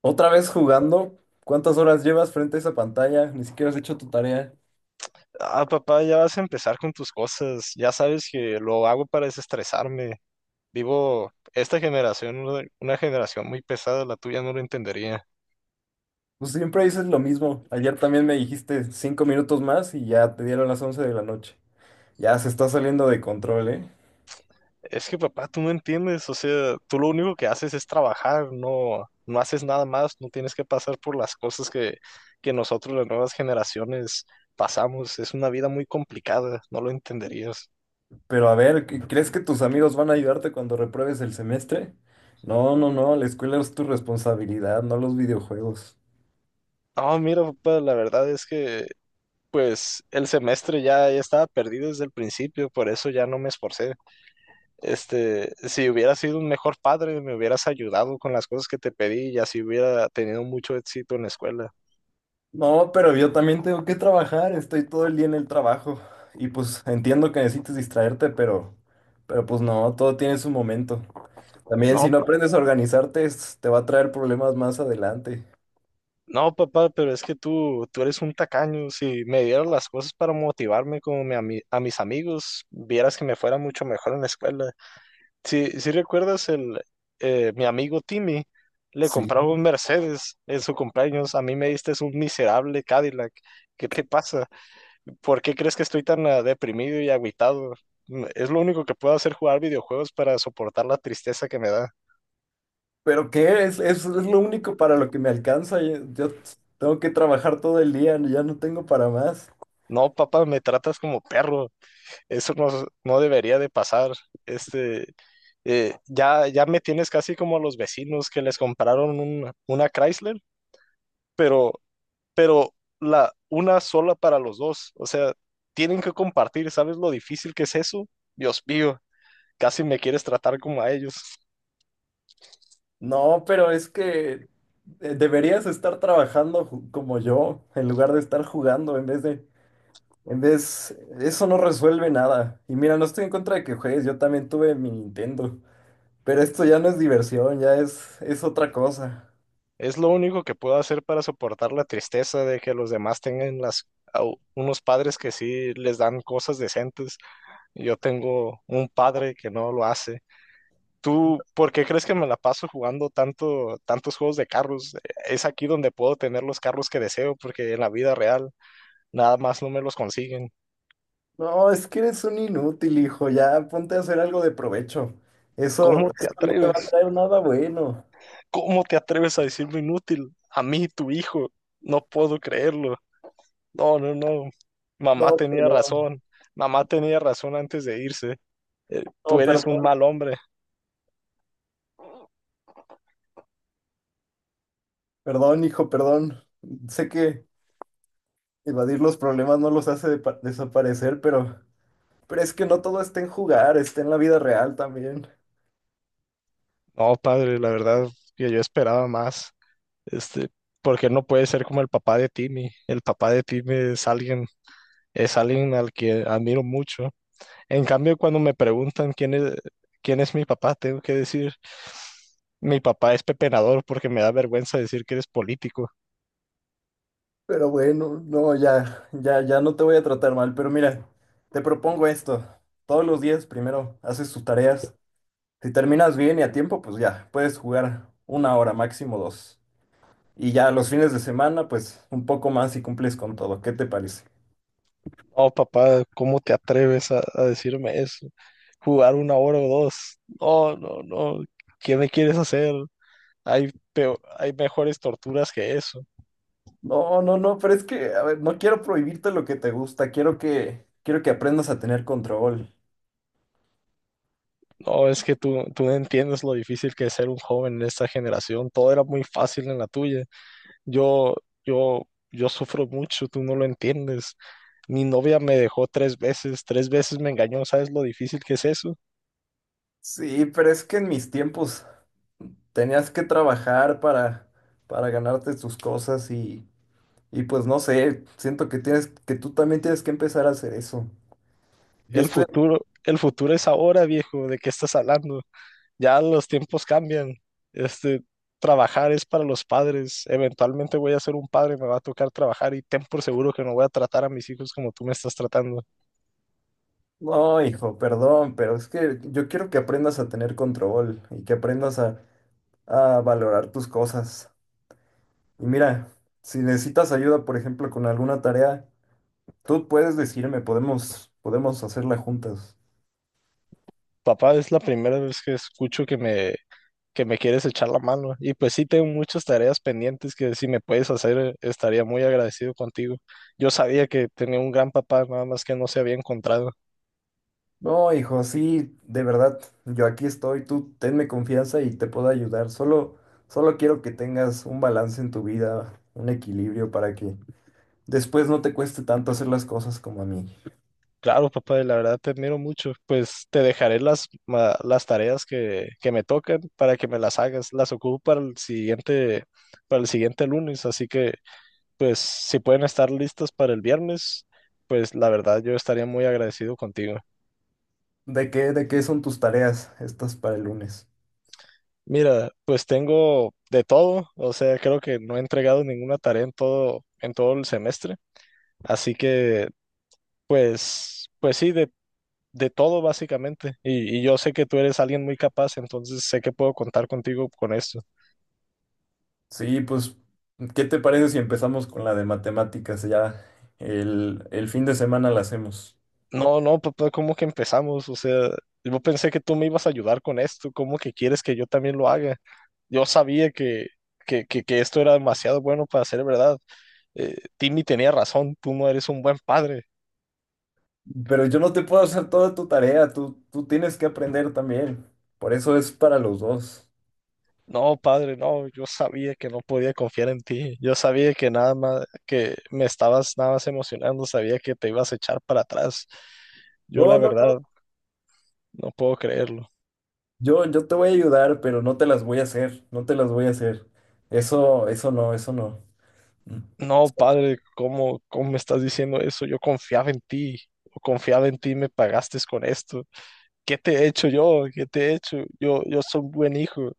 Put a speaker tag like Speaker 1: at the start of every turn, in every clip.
Speaker 1: Otra vez jugando. ¿Cuántas horas llevas frente a esa pantalla? Ni siquiera has hecho tu tarea.
Speaker 2: Ah, papá, ya vas a empezar con tus cosas. Ya sabes que lo hago para desestresarme. Vivo esta generación, una generación muy pesada, la tuya no lo entendería.
Speaker 1: Pues siempre dices lo mismo. Ayer también me dijiste 5 minutos más y ya te dieron las 11 de la noche. Ya se está saliendo de control, ¿eh?
Speaker 2: Es que, papá, tú no entiendes. O sea, tú lo único que haces es trabajar, no, no haces nada más, no tienes que pasar por las cosas que nosotros, las nuevas generaciones, pasamos. Es una vida muy complicada, no lo entenderías.
Speaker 1: Pero a ver, ¿crees que tus amigos van a ayudarte cuando repruebes el semestre? No, no, no, la escuela es tu responsabilidad, no los videojuegos.
Speaker 2: No, mira, papá, la verdad es que, pues, el semestre ya estaba perdido desde el principio, por eso ya no me esforcé. Este, si hubieras sido un mejor padre, me hubieras ayudado con las cosas que te pedí y así hubiera tenido mucho éxito en la escuela.
Speaker 1: No, pero yo también tengo que trabajar, estoy todo el día en el trabajo. Y pues entiendo que necesites distraerte, pero pues no, todo tiene su momento. También si
Speaker 2: No,
Speaker 1: no aprendes a organizarte, te va a traer problemas más adelante.
Speaker 2: no, papá, pero es que tú eres un tacaño. Si me dieras las cosas para motivarme como a mis amigos, vieras que me fuera mucho mejor en la escuela. Si recuerdas mi amigo Timmy, le
Speaker 1: Sí.
Speaker 2: compraba un Mercedes en su cumpleaños. A mí me diste un miserable Cadillac. ¿Qué te pasa? ¿Por qué crees que estoy tan deprimido y agüitado? Es lo único que puedo hacer, jugar videojuegos para soportar la tristeza que me da.
Speaker 1: ¿Pero qué? Es lo único para lo que me alcanza. Yo tengo que trabajar todo el día, ya no tengo para más.
Speaker 2: No, papá, me tratas como perro. Eso no, no debería de pasar. Este, ya me tienes casi como a los vecinos que les compraron una Chrysler, pero, pero una sola para los dos. O sea, tienen que compartir. ¿Sabes lo difícil que es eso? Dios mío, casi me quieres tratar como a ellos.
Speaker 1: No, pero es que deberías estar trabajando como yo, en lugar de estar jugando, en vez, eso no resuelve nada. Y mira, no estoy en contra de que juegues, yo también tuve mi Nintendo, pero esto ya no es diversión, ya es otra cosa.
Speaker 2: Es lo único que puedo hacer para soportar la tristeza de que los demás tengan a unos padres que sí les dan cosas decentes. Yo tengo un padre que no lo hace. ¿Tú por qué crees que me la paso jugando tanto, tantos juegos de carros? Es aquí donde puedo tener los carros que deseo, porque en la vida real nada más no me los consiguen.
Speaker 1: No, es que eres un inútil, hijo. Ya ponte a hacer algo de provecho. Eso,
Speaker 2: ¿Cómo te
Speaker 1: eso no te va a
Speaker 2: atreves?
Speaker 1: traer nada bueno.
Speaker 2: ¿Cómo te atreves a decirme inútil? A mí, tu hijo. No puedo creerlo. No, no, no. Mamá
Speaker 1: No,
Speaker 2: tenía
Speaker 1: perdón.
Speaker 2: razón. Mamá tenía razón antes de irse. Tú
Speaker 1: No,
Speaker 2: eres un
Speaker 1: perdón.
Speaker 2: mal hombre.
Speaker 1: Perdón, hijo, perdón. Sé que evadir los problemas no los hace desaparecer, pero es que no todo está en jugar, está en la vida real también.
Speaker 2: No, padre, la verdad que yo esperaba más. Este, porque no puede ser como el papá de Timmy. El papá de Timmy es alguien al que admiro mucho. En cambio, cuando me preguntan quién es mi papá, tengo que decir, mi papá es pepenador porque me da vergüenza decir que eres político.
Speaker 1: Pero bueno, no, ya no te voy a tratar mal. Pero mira, te propongo esto. Todos los días primero haces tus tareas. Si terminas bien y a tiempo, pues ya, puedes jugar una hora, máximo dos. Y ya los fines de semana, pues un poco más y cumples con todo. ¿Qué te parece?
Speaker 2: Oh, papá, ¿cómo te atreves a decirme eso? Jugar una hora o dos. No, no, no. ¿Qué me quieres hacer? Hay mejores torturas que eso.
Speaker 1: No, no, no, pero es que, a ver, no quiero prohibirte lo que te gusta, quiero que aprendas a tener control.
Speaker 2: No, es que tú no entiendes lo difícil que es ser un joven en esta generación. Todo era muy fácil en la tuya. Yo, yo, yo sufro mucho, tú no lo entiendes. Mi novia me dejó tres veces me engañó, ¿sabes lo difícil que es eso?
Speaker 1: Sí, pero es que en mis tiempos tenías que trabajar para ganarte tus cosas y pues no sé, siento que que tú también tienes que empezar a hacer eso. Yo
Speaker 2: El
Speaker 1: estoy,
Speaker 2: futuro, el futuro es ahora, viejo, ¿de qué estás hablando? Ya los tiempos cambian. Este, trabajar es para los padres. Eventualmente voy a ser un padre, me va a tocar trabajar y ten por seguro que no voy a tratar a mis hijos como tú me estás tratando.
Speaker 1: no, hijo, perdón, pero es que yo quiero que aprendas a tener control y que aprendas a valorar tus cosas. Y mira, si necesitas ayuda, por ejemplo, con alguna tarea, tú puedes decirme, podemos hacerla juntas.
Speaker 2: Papá, es la primera vez que escucho que me quieres echar la mano. Y pues sí, tengo muchas tareas pendientes que si me puedes hacer, estaría muy agradecido contigo. Yo sabía que tenía un gran papá, nada más que no se había encontrado.
Speaker 1: No, hijo, sí, de verdad, yo aquí estoy, tú tenme confianza y te puedo ayudar. Solo quiero que tengas un balance en tu vida, un equilibrio para que después no te cueste tanto hacer las cosas como a mí.
Speaker 2: Claro, papá, y la verdad te admiro mucho. Pues te dejaré las tareas que me tocan para que me las hagas. Las ocupo para el siguiente lunes, así que pues si pueden estar listas para el viernes, pues la verdad yo estaría muy agradecido contigo.
Speaker 1: ¿De qué son tus tareas estas para el lunes?
Speaker 2: Mira, pues tengo de todo, o sea, creo que no he entregado ninguna tarea en todo el semestre, así que, pues sí, de todo básicamente, y yo sé que tú eres alguien muy capaz, entonces sé que puedo contar contigo con esto.
Speaker 1: Sí, pues, ¿qué te parece si empezamos con la de matemáticas? Ya el fin de semana la hacemos.
Speaker 2: No, no, papá, ¿cómo que empezamos? O sea, yo pensé que tú me ibas a ayudar con esto, ¿cómo que quieres que yo también lo haga? Yo sabía que esto era demasiado bueno para ser verdad. Timmy tenía razón, tú no eres un buen padre.
Speaker 1: Pero yo no te puedo hacer toda tu tarea, tú tienes que aprender también. Por eso es para los dos.
Speaker 2: No, padre, no, yo sabía que no podía confiar en ti. Yo sabía que nada más, que me estabas nada más emocionando, sabía que te ibas a echar para atrás. Yo la
Speaker 1: No, no,
Speaker 2: verdad
Speaker 1: no.
Speaker 2: no puedo creerlo.
Speaker 1: Yo te voy a ayudar, pero no te las voy a hacer, no te las voy a hacer. Eso no, eso no. Mm.
Speaker 2: No, padre, ¿cómo me estás diciendo eso? Yo confiaba en ti. Yo confiaba en ti, me pagaste con esto. ¿Qué te he hecho yo? ¿Qué te he hecho? Yo soy un buen hijo.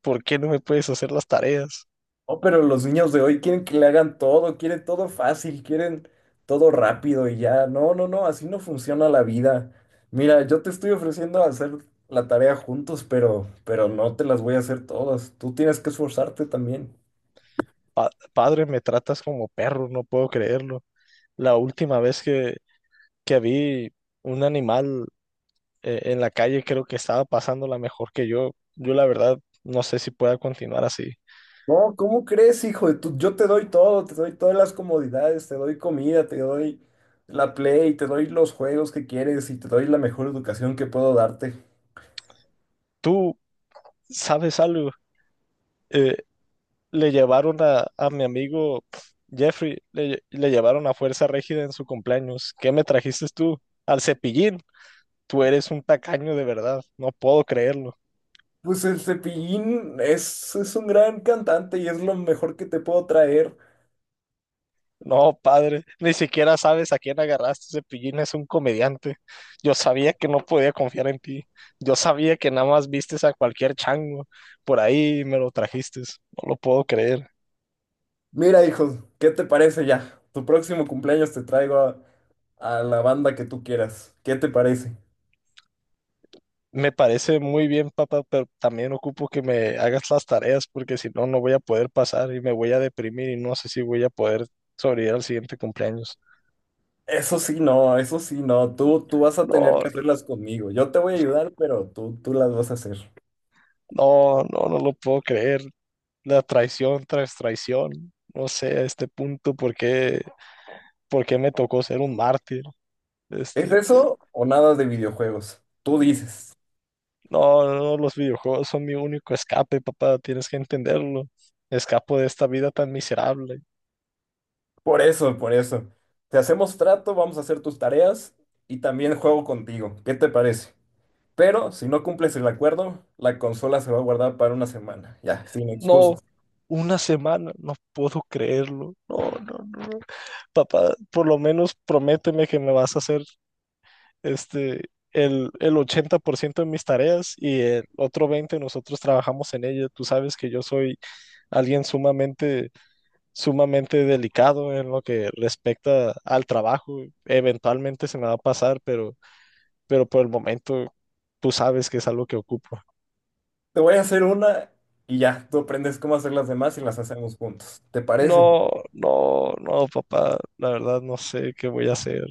Speaker 2: ¿Por qué no me puedes hacer las tareas?
Speaker 1: Oh, pero los niños de hoy quieren que le hagan todo, quieren todo fácil, quieren todo rápido y ya. No, no, no, así no funciona la vida. Mira, yo te estoy ofreciendo hacer la tarea juntos, pero no te las voy a hacer todas. Tú tienes que esforzarte también.
Speaker 2: Padre, me tratas como perro, no puedo creerlo. La última vez que vi un animal en la calle, creo que estaba pasándola mejor que yo. Yo la verdad no sé si pueda continuar así.
Speaker 1: No, ¿cómo crees, hijo de tu- Yo te doy todo, te doy todas las comodidades, te doy comida, te doy la Play, te doy los juegos que quieres y te doy la mejor educación que puedo darte.
Speaker 2: ¿Tú sabes algo? Eh, le llevaron a mi amigo Jeffrey, le llevaron a Fuerza Régida en su cumpleaños. ¿Qué me trajiste tú? Al Cepillín. Tú eres un tacaño de verdad. No puedo creerlo.
Speaker 1: Pues el Cepillín es un gran cantante y es lo mejor que te puedo traer.
Speaker 2: No, padre, ni siquiera sabes a quién agarraste. Cepillín es un comediante. Yo sabía que no podía confiar en ti. Yo sabía que nada más vistes a cualquier chango por ahí y me lo trajiste. No lo puedo creer.
Speaker 1: Mira, hijo, ¿qué te parece ya? Tu próximo cumpleaños te traigo a la banda que tú quieras. ¿Qué te parece?
Speaker 2: Me parece muy bien, papá, pero también ocupo que me hagas las tareas porque si no, no voy a poder pasar y me voy a deprimir y no sé si voy a poder sobrevivir al siguiente cumpleaños.
Speaker 1: Eso sí, no, eso sí, no. Tú vas a tener
Speaker 2: No,
Speaker 1: que hacerlas conmigo. Yo te voy a ayudar, pero tú las vas a hacer.
Speaker 2: no, no, no lo puedo creer. La traición tras traición. No sé a este punto por qué me tocó ser un mártir.
Speaker 1: ¿Es
Speaker 2: Este,
Speaker 1: eso o nada de videojuegos? Tú dices.
Speaker 2: no, no, no, los videojuegos son mi único escape, papá, tienes que entenderlo. Escapo de esta vida tan miserable.
Speaker 1: Por eso, por eso. Te hacemos trato, vamos a hacer tus tareas y también juego contigo. ¿Qué te parece? Pero si no cumples el acuerdo, la consola se va a guardar para una semana. Ya, sin excusas.
Speaker 2: No, una semana, no puedo creerlo. No, no, no. No. Papá, por lo menos prométeme que me vas a hacer el 80% de mis tareas y el otro 20% nosotros trabajamos en ella. Tú sabes que yo soy alguien sumamente, sumamente delicado en lo que respecta al trabajo. Eventualmente se me va a pasar, pero por el momento tú sabes que es algo que ocupo.
Speaker 1: Te voy a hacer una y ya, tú aprendes cómo hacer las demás y las hacemos juntos. ¿Te parece?
Speaker 2: No, no, no, papá, la verdad no sé qué voy a hacer.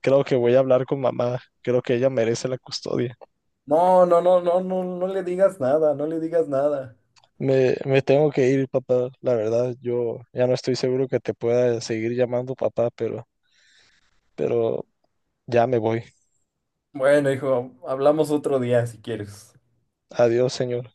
Speaker 2: Creo que voy a hablar con mamá. Creo que ella merece la custodia.
Speaker 1: No, no, no, no, no, no le digas nada, no le digas nada.
Speaker 2: Me tengo que ir, papá. La verdad, yo ya no estoy seguro que te pueda seguir llamando papá, pero ya me voy.
Speaker 1: Bueno, hijo, hablamos otro día si quieres.
Speaker 2: Adiós, señor.